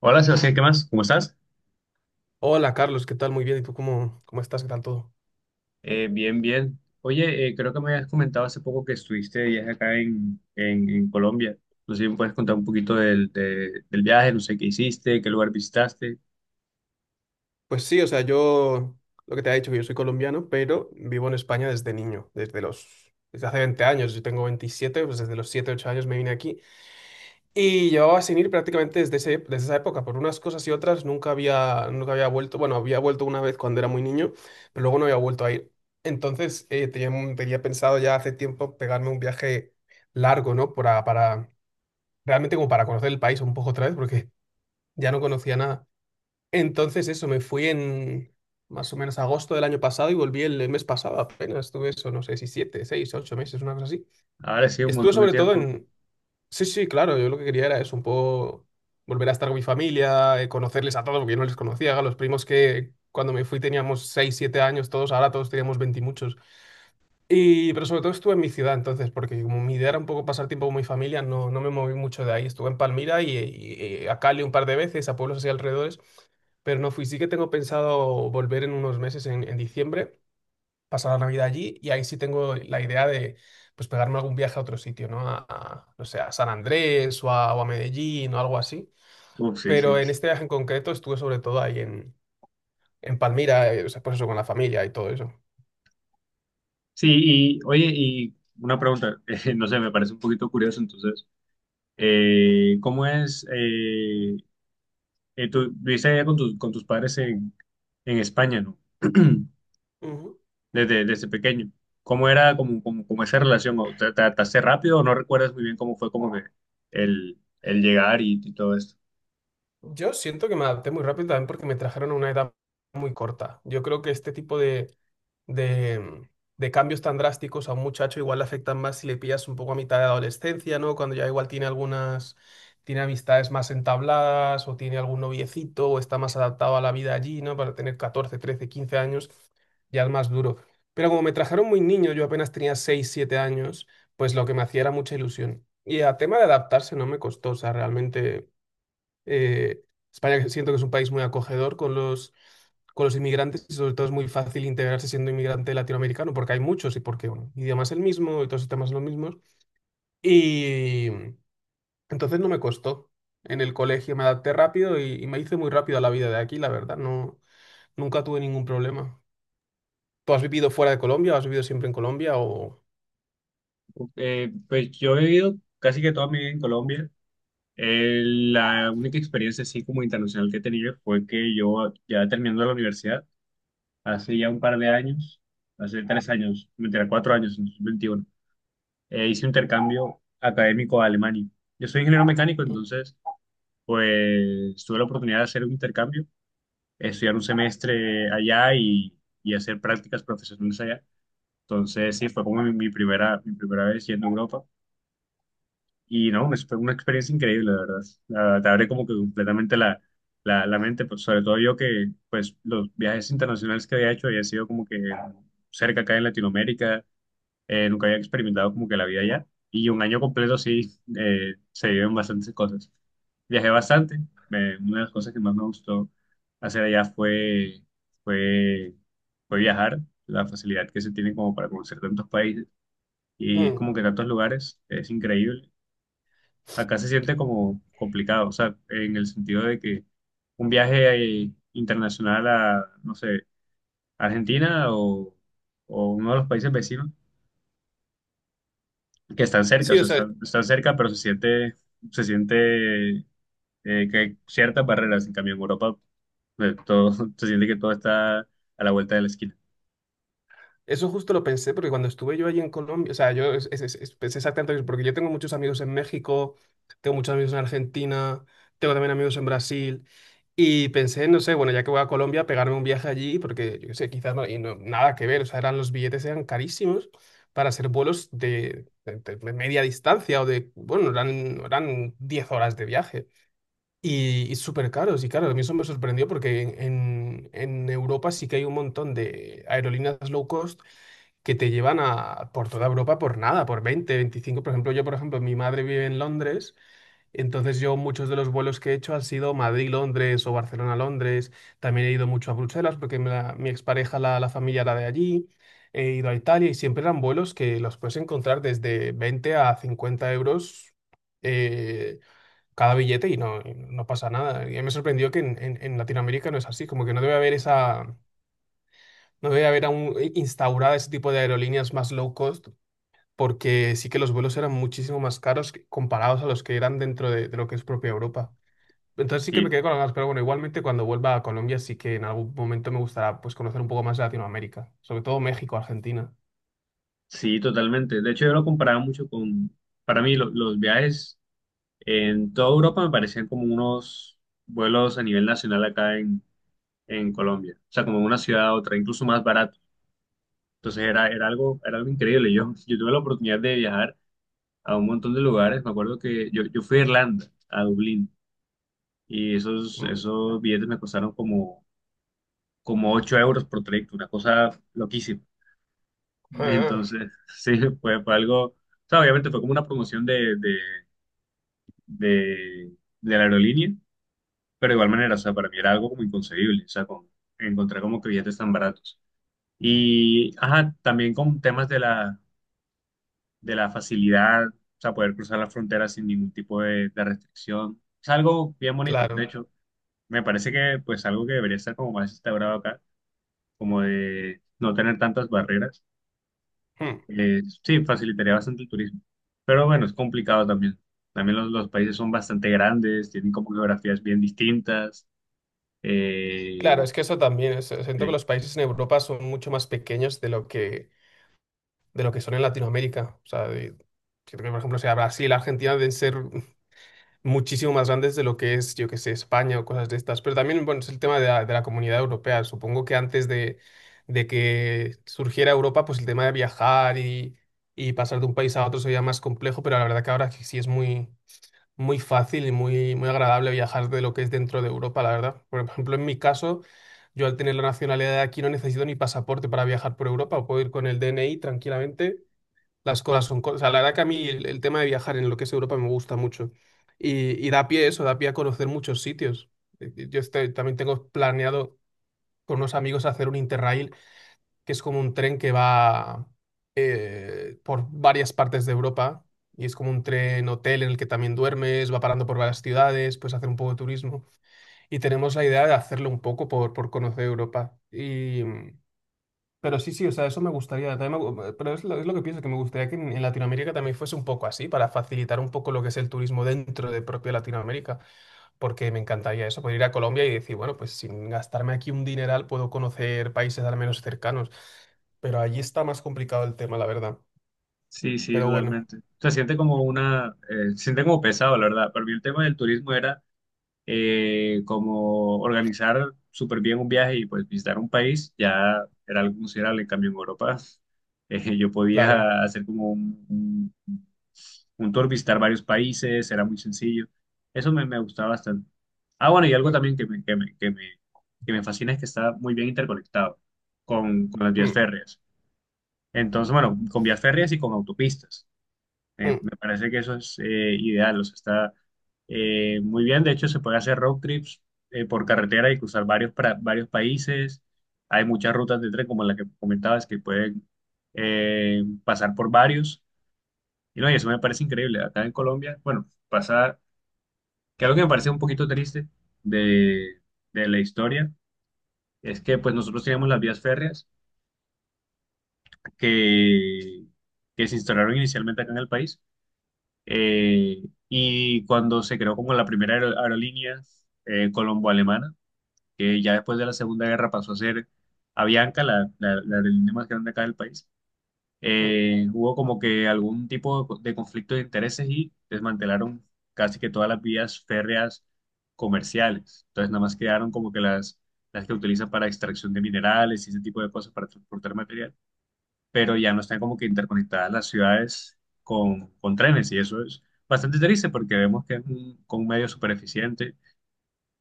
Hola Sebastián, ¿qué más? ¿Cómo estás? Hola Carlos, ¿qué tal? Muy bien. ¿Y tú cómo estás? ¿Qué tal todo? Bien, bien. Oye, creo que me habías comentado hace poco que estuviste de viaje acá en Colombia. No sé si me puedes contar un poquito del viaje, no sé qué hiciste, qué lugar visitaste. Pues sí, o sea, yo lo que te he dicho, que yo soy colombiano, pero vivo en España desde niño, desde hace 20 años. Yo tengo veintisiete, pues desde los 7 8 años me vine aquí. Y llevaba sin ir prácticamente desde esa época. Por unas cosas y otras nunca había vuelto. Bueno, había vuelto una vez cuando era muy niño, pero luego no había vuelto a ir. Entonces, tenía, tenía pensado ya hace tiempo pegarme un viaje largo, ¿no? Realmente como para conocer el país un poco otra vez, porque ya no conocía nada. Entonces eso, me fui en más o menos agosto del año pasado y volví el mes pasado apenas. Estuve eso, no sé si siete, seis, ocho meses, una cosa así. Ahora sí, un Estuve montón de sobre todo tiempo. en... Sí, sí, claro, yo lo que quería era eso, un poco volver a estar con mi familia, conocerles a todos, porque yo no les conocía, a los primos que cuando me fui teníamos seis, siete años todos, ahora todos teníamos 20 y muchos. Y, pero sobre todo estuve en mi ciudad entonces, porque como mi idea era un poco pasar tiempo con mi familia, no, no me moví mucho de ahí. Estuve en Palmira y a Cali un par de veces, a pueblos así alrededores, pero no fui. Sí que tengo pensado volver en unos meses, en diciembre, pasar la Navidad allí y ahí sí tengo la idea de pues pegarme algún viaje a otro sitio, ¿no? No sé, a San Andrés o a Medellín o algo así. Uf, sí, Pero sí. en este viaje en concreto estuve sobre todo ahí en Palmira, o sea, pues eso, con la familia y todo eso. Sí, y oye, y una pregunta, no sé, me parece un poquito curioso, entonces, ¿Cómo es? Tú viviste allá con tus padres en España, ¿no? desde, desde pequeño. ¿Cómo era como esa relación? ¿O ¿Te te adaptaste rápido o no recuerdas muy bien cómo fue como que el llegar y todo esto? Yo siento que me adapté muy rápido también porque me trajeron a una edad muy corta. Yo creo que este tipo de, de cambios tan drásticos a un muchacho igual le afectan más si le pillas un poco a mitad de adolescencia, ¿no? Cuando ya igual tiene algunas, tiene amistades más entabladas o tiene algún noviecito o está más adaptado a la vida allí, ¿no? Para tener catorce trece quince años ya es más duro. Pero como me trajeron muy niño, yo apenas tenía 6 7 años, pues lo que me hacía era mucha ilusión. Y a tema de adaptarse no me costó, o sea, realmente... Eh, España siento que es un país muy acogedor con con los inmigrantes, y sobre todo es muy fácil integrarse siendo inmigrante latinoamericano porque hay muchos y porque, bueno, el idioma es el mismo y todos los temas son los mismos. Y entonces no me costó. En el colegio me adapté rápido y me hice muy rápido a la vida de aquí, la verdad. No, nunca tuve ningún problema. ¿Tú has vivido fuera de Colombia? ¿O has vivido siempre en Colombia? O... Pues yo he vivido casi que toda mi vida en Colombia. La única experiencia así como internacional que he tenido fue que yo ya terminando la universidad, hace ya un par de años, hace tres años, mentira, cuatro años, en 2021, hice un intercambio académico a Alemania. Yo soy ingeniero mecánico, entonces pues tuve la oportunidad de hacer un intercambio estudiar un semestre allá y hacer prácticas profesionales allá. Entonces, sí, fue como mi primera vez yendo a Europa. Y no, fue una experiencia increíble, la verdad. Te abre como que completamente la mente, pues, sobre todo yo que pues los viajes internacionales que había hecho había sido como que cerca acá en Latinoamérica, nunca había experimentado como que la vida allá. Y un año completo sí, se viven bastantes cosas. Viajé bastante. Una de las cosas que más me gustó hacer allá fue, fue viajar. La facilidad que se tiene como para conocer tantos países y Mm. como que tantos lugares es increíble. Acá se siente como complicado, o sea, en el sentido de que un viaje internacional a, no sé, Argentina o uno de los países vecinos que están cerca, o Sí, o sea, sea, están, están cerca, pero se siente que hay ciertas barreras. En cambio, en Europa, todo, se siente que todo está a la vuelta de la esquina. eso justo lo pensé porque cuando estuve yo allí en Colombia, o sea, yo es- pensé exactamente eso, porque yo tengo muchos amigos en México, tengo muchos amigos en Argentina, tengo también amigos en Brasil, y pensé, no sé, bueno, ya que voy a Colombia, pegarme un viaje allí, porque yo qué sé, quizás no, nada que ver, o sea, eran los billetes eran carísimos para hacer vuelos de media distancia o de, bueno, eran 10 horas de viaje. Y súper caros. Y claro, a mí eso me sorprendió porque en Europa sí que hay un montón de aerolíneas low cost que te llevan a, por toda Europa por nada, por veinte veinticinco. Por ejemplo, yo, por ejemplo, mi madre vive en Londres, entonces yo muchos de los vuelos que he hecho han sido Madrid-Londres o Barcelona-Londres. También he ido mucho a Bruselas porque mi expareja, la familia era de allí. He ido a Italia y siempre eran vuelos que los puedes encontrar desde 20 a 50 euros, eh, cada billete y no pasa nada. Y me sorprendió que en Latinoamérica no es así, como que no debe haber esa, no debe haber aún instaurada ese tipo de aerolíneas más low cost, porque sí que los vuelos eran muchísimo más caros comparados a los que eran dentro de lo que es propia Europa. Entonces sí que me Sí, quedé con las ganas, pero bueno, igualmente cuando vuelva a Colombia sí que en algún momento me gustará pues conocer un poco más de Latinoamérica, sobre todo México, Argentina. sí, totalmente. De hecho, yo lo comparaba mucho con, para mí, los viajes en toda Europa me parecían como unos vuelos a nivel nacional acá en Colombia. O sea, como una ciudad a otra, incluso más barato. Entonces era algo increíble. Yo tuve la oportunidad de viajar a un montón de lugares. Me acuerdo que yo fui a Irlanda, a Dublín. Y esos, Mm, esos billetes me costaron como, como 8 euros por trayecto, una cosa loquísima. ah, Entonces, sí, fue algo, o sea, obviamente fue como una promoción de, de la aerolínea, pero de igual manera, o sea, para mí era algo como inconcebible, o sea, con, encontrar como que billetes tan baratos. Y, ajá, también con temas de la facilidad, o sea, poder cruzar la frontera sin ningún tipo de restricción. Es algo bien bonito, de claro. hecho, me parece que pues algo que debería estar como más instaurado acá como de no tener tantas barreras. Hmm. Sí, facilitaría bastante el turismo. Pero bueno, es complicado también. También los países son bastante grandes, tienen como geografías bien distintas. Claro, Eh, es que eso también, siento que sí, los países en Europa son mucho más pequeños de lo que son en Latinoamérica. O sea, de- siento que, por ejemplo, o sea, Brasil, Argentina deben ser muchísimo más grandes de lo que es, yo que sé, España o cosas de estas. Pero también, bueno, es el tema de de la comunidad europea. Supongo que antes de que surgiera Europa, pues el tema de viajar y pasar de un país a otro sería más complejo, pero la verdad que ahora sí es muy fácil y muy agradable viajar de lo que es dentro de Europa, la verdad. Por ejemplo, en mi caso... Yo al tener la nacionalidad de aquí no necesito ni pasaporte para viajar por Europa, puedo ir con el DNI tranquilamente, las cosas son cosas. O sea, la verdad que a mí el tema de viajar en lo que es Europa me gusta mucho. Y da pie eso, da pie a conocer muchos sitios. También tengo planeado con unos amigos hacer un Interrail, que es como un tren que va por varias partes de Europa. Y es como un tren hotel en el que también duermes, va parando por varias ciudades, puedes hacer un poco de turismo. Y tenemos la idea de hacerlo un poco por conocer Europa. Y. Pero sí, sí, o sea, eso me gustaría. También pero es lo que pienso, que me gustaría que en Latinoamérica también fuese un poco así, para facilitar un poco lo que es el turismo dentro de propia Latinoamérica, porque me encantaría eso, poder ir a Colombia y decir, bueno, pues sin gastarme aquí un dineral puedo conocer países al menos cercanos. Pero allí está más complicado el tema, la verdad. sí, sí, Pero bueno, totalmente. Se siente como una, se siente como pesado, la verdad. Para mí el tema del turismo era como organizar súper bien un viaje y pues visitar un país, ya era algo considerable. En cambio, en Europa, yo claro. podía hacer como un tour, visitar varios países, era muy sencillo. Eso me, me gustaba bastante. Ah, bueno, y algo Mm, también que me fascina es que está muy bien interconectado con las vías mm, férreas. Entonces, bueno, con vías férreas y con autopistas. Mm, Me parece que eso es ideal, o sea, está muy bien. De hecho, se puede hacer road trips por carretera y cruzar varios, varios países. Hay muchas rutas de tren, como la que comentabas, que pueden pasar por varios. Y no, y eso me parece increíble. Acá en Colombia, bueno, pasa que algo que me parece un poquito triste de, de la historia es que pues nosotros teníamos las vías férreas que, que se instauraron inicialmente acá en el país, y cuando se creó como la primera aerolínea colombo-alemana, que ya después de la Segunda Guerra pasó a ser Avianca, la aerolínea más grande acá del país, mm. Hubo como que algún tipo de de conflicto de intereses y desmantelaron casi que todas las vías férreas comerciales. Entonces nada más quedaron como que las que utilizan para extracción de minerales y ese tipo de cosas para transportar material, pero ya no están como que interconectadas las ciudades con trenes y eso es bastante triste porque vemos que es un, con un medio súper eficiente.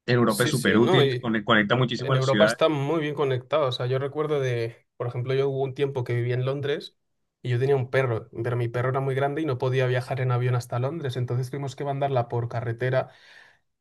En Europa es Sí, súper sí, no, útil, y conecta muchísimo a en las Europa está ciudades. muy bien conectado. O sea, yo recuerdo de, por ejemplo, yo hubo un tiempo que viví en Londres y yo tenía un perro, pero mi perro era muy grande y no podía viajar en avión hasta Londres. Entonces tuvimos que mandarla por carretera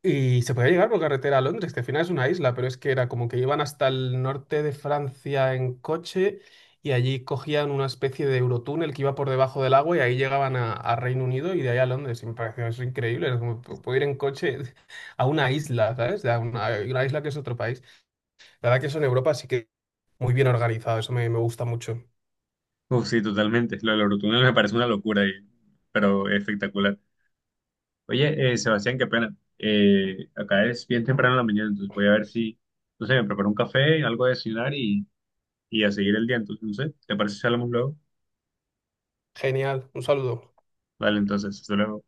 y se podía llegar por carretera a Londres, que al final es una isla, pero es que era como que iban hasta el norte de Francia en coche y allí cogían una especie de eurotúnel que iba por debajo del agua y ahí llegaban a Reino Unido y de ahí a Londres. Y me pareció eso increíble. Es como, puedo ir en coche a una isla, ¿sabes? A una isla que es otro país. La verdad que eso en Europa sí que muy bien organizado, eso me, me gusta mucho. Uf, sí, totalmente. Lo del Eurotúnel me parece una locura, pero espectacular. Oye, Sebastián, qué pena. Acá es bien temprano en la mañana, entonces voy a ver si, no sé, me preparo un café, algo de desayunar y a seguir el día. Entonces, no sé, ¿te parece si hablamos luego? Genial, un saludo. Vale, entonces, hasta luego.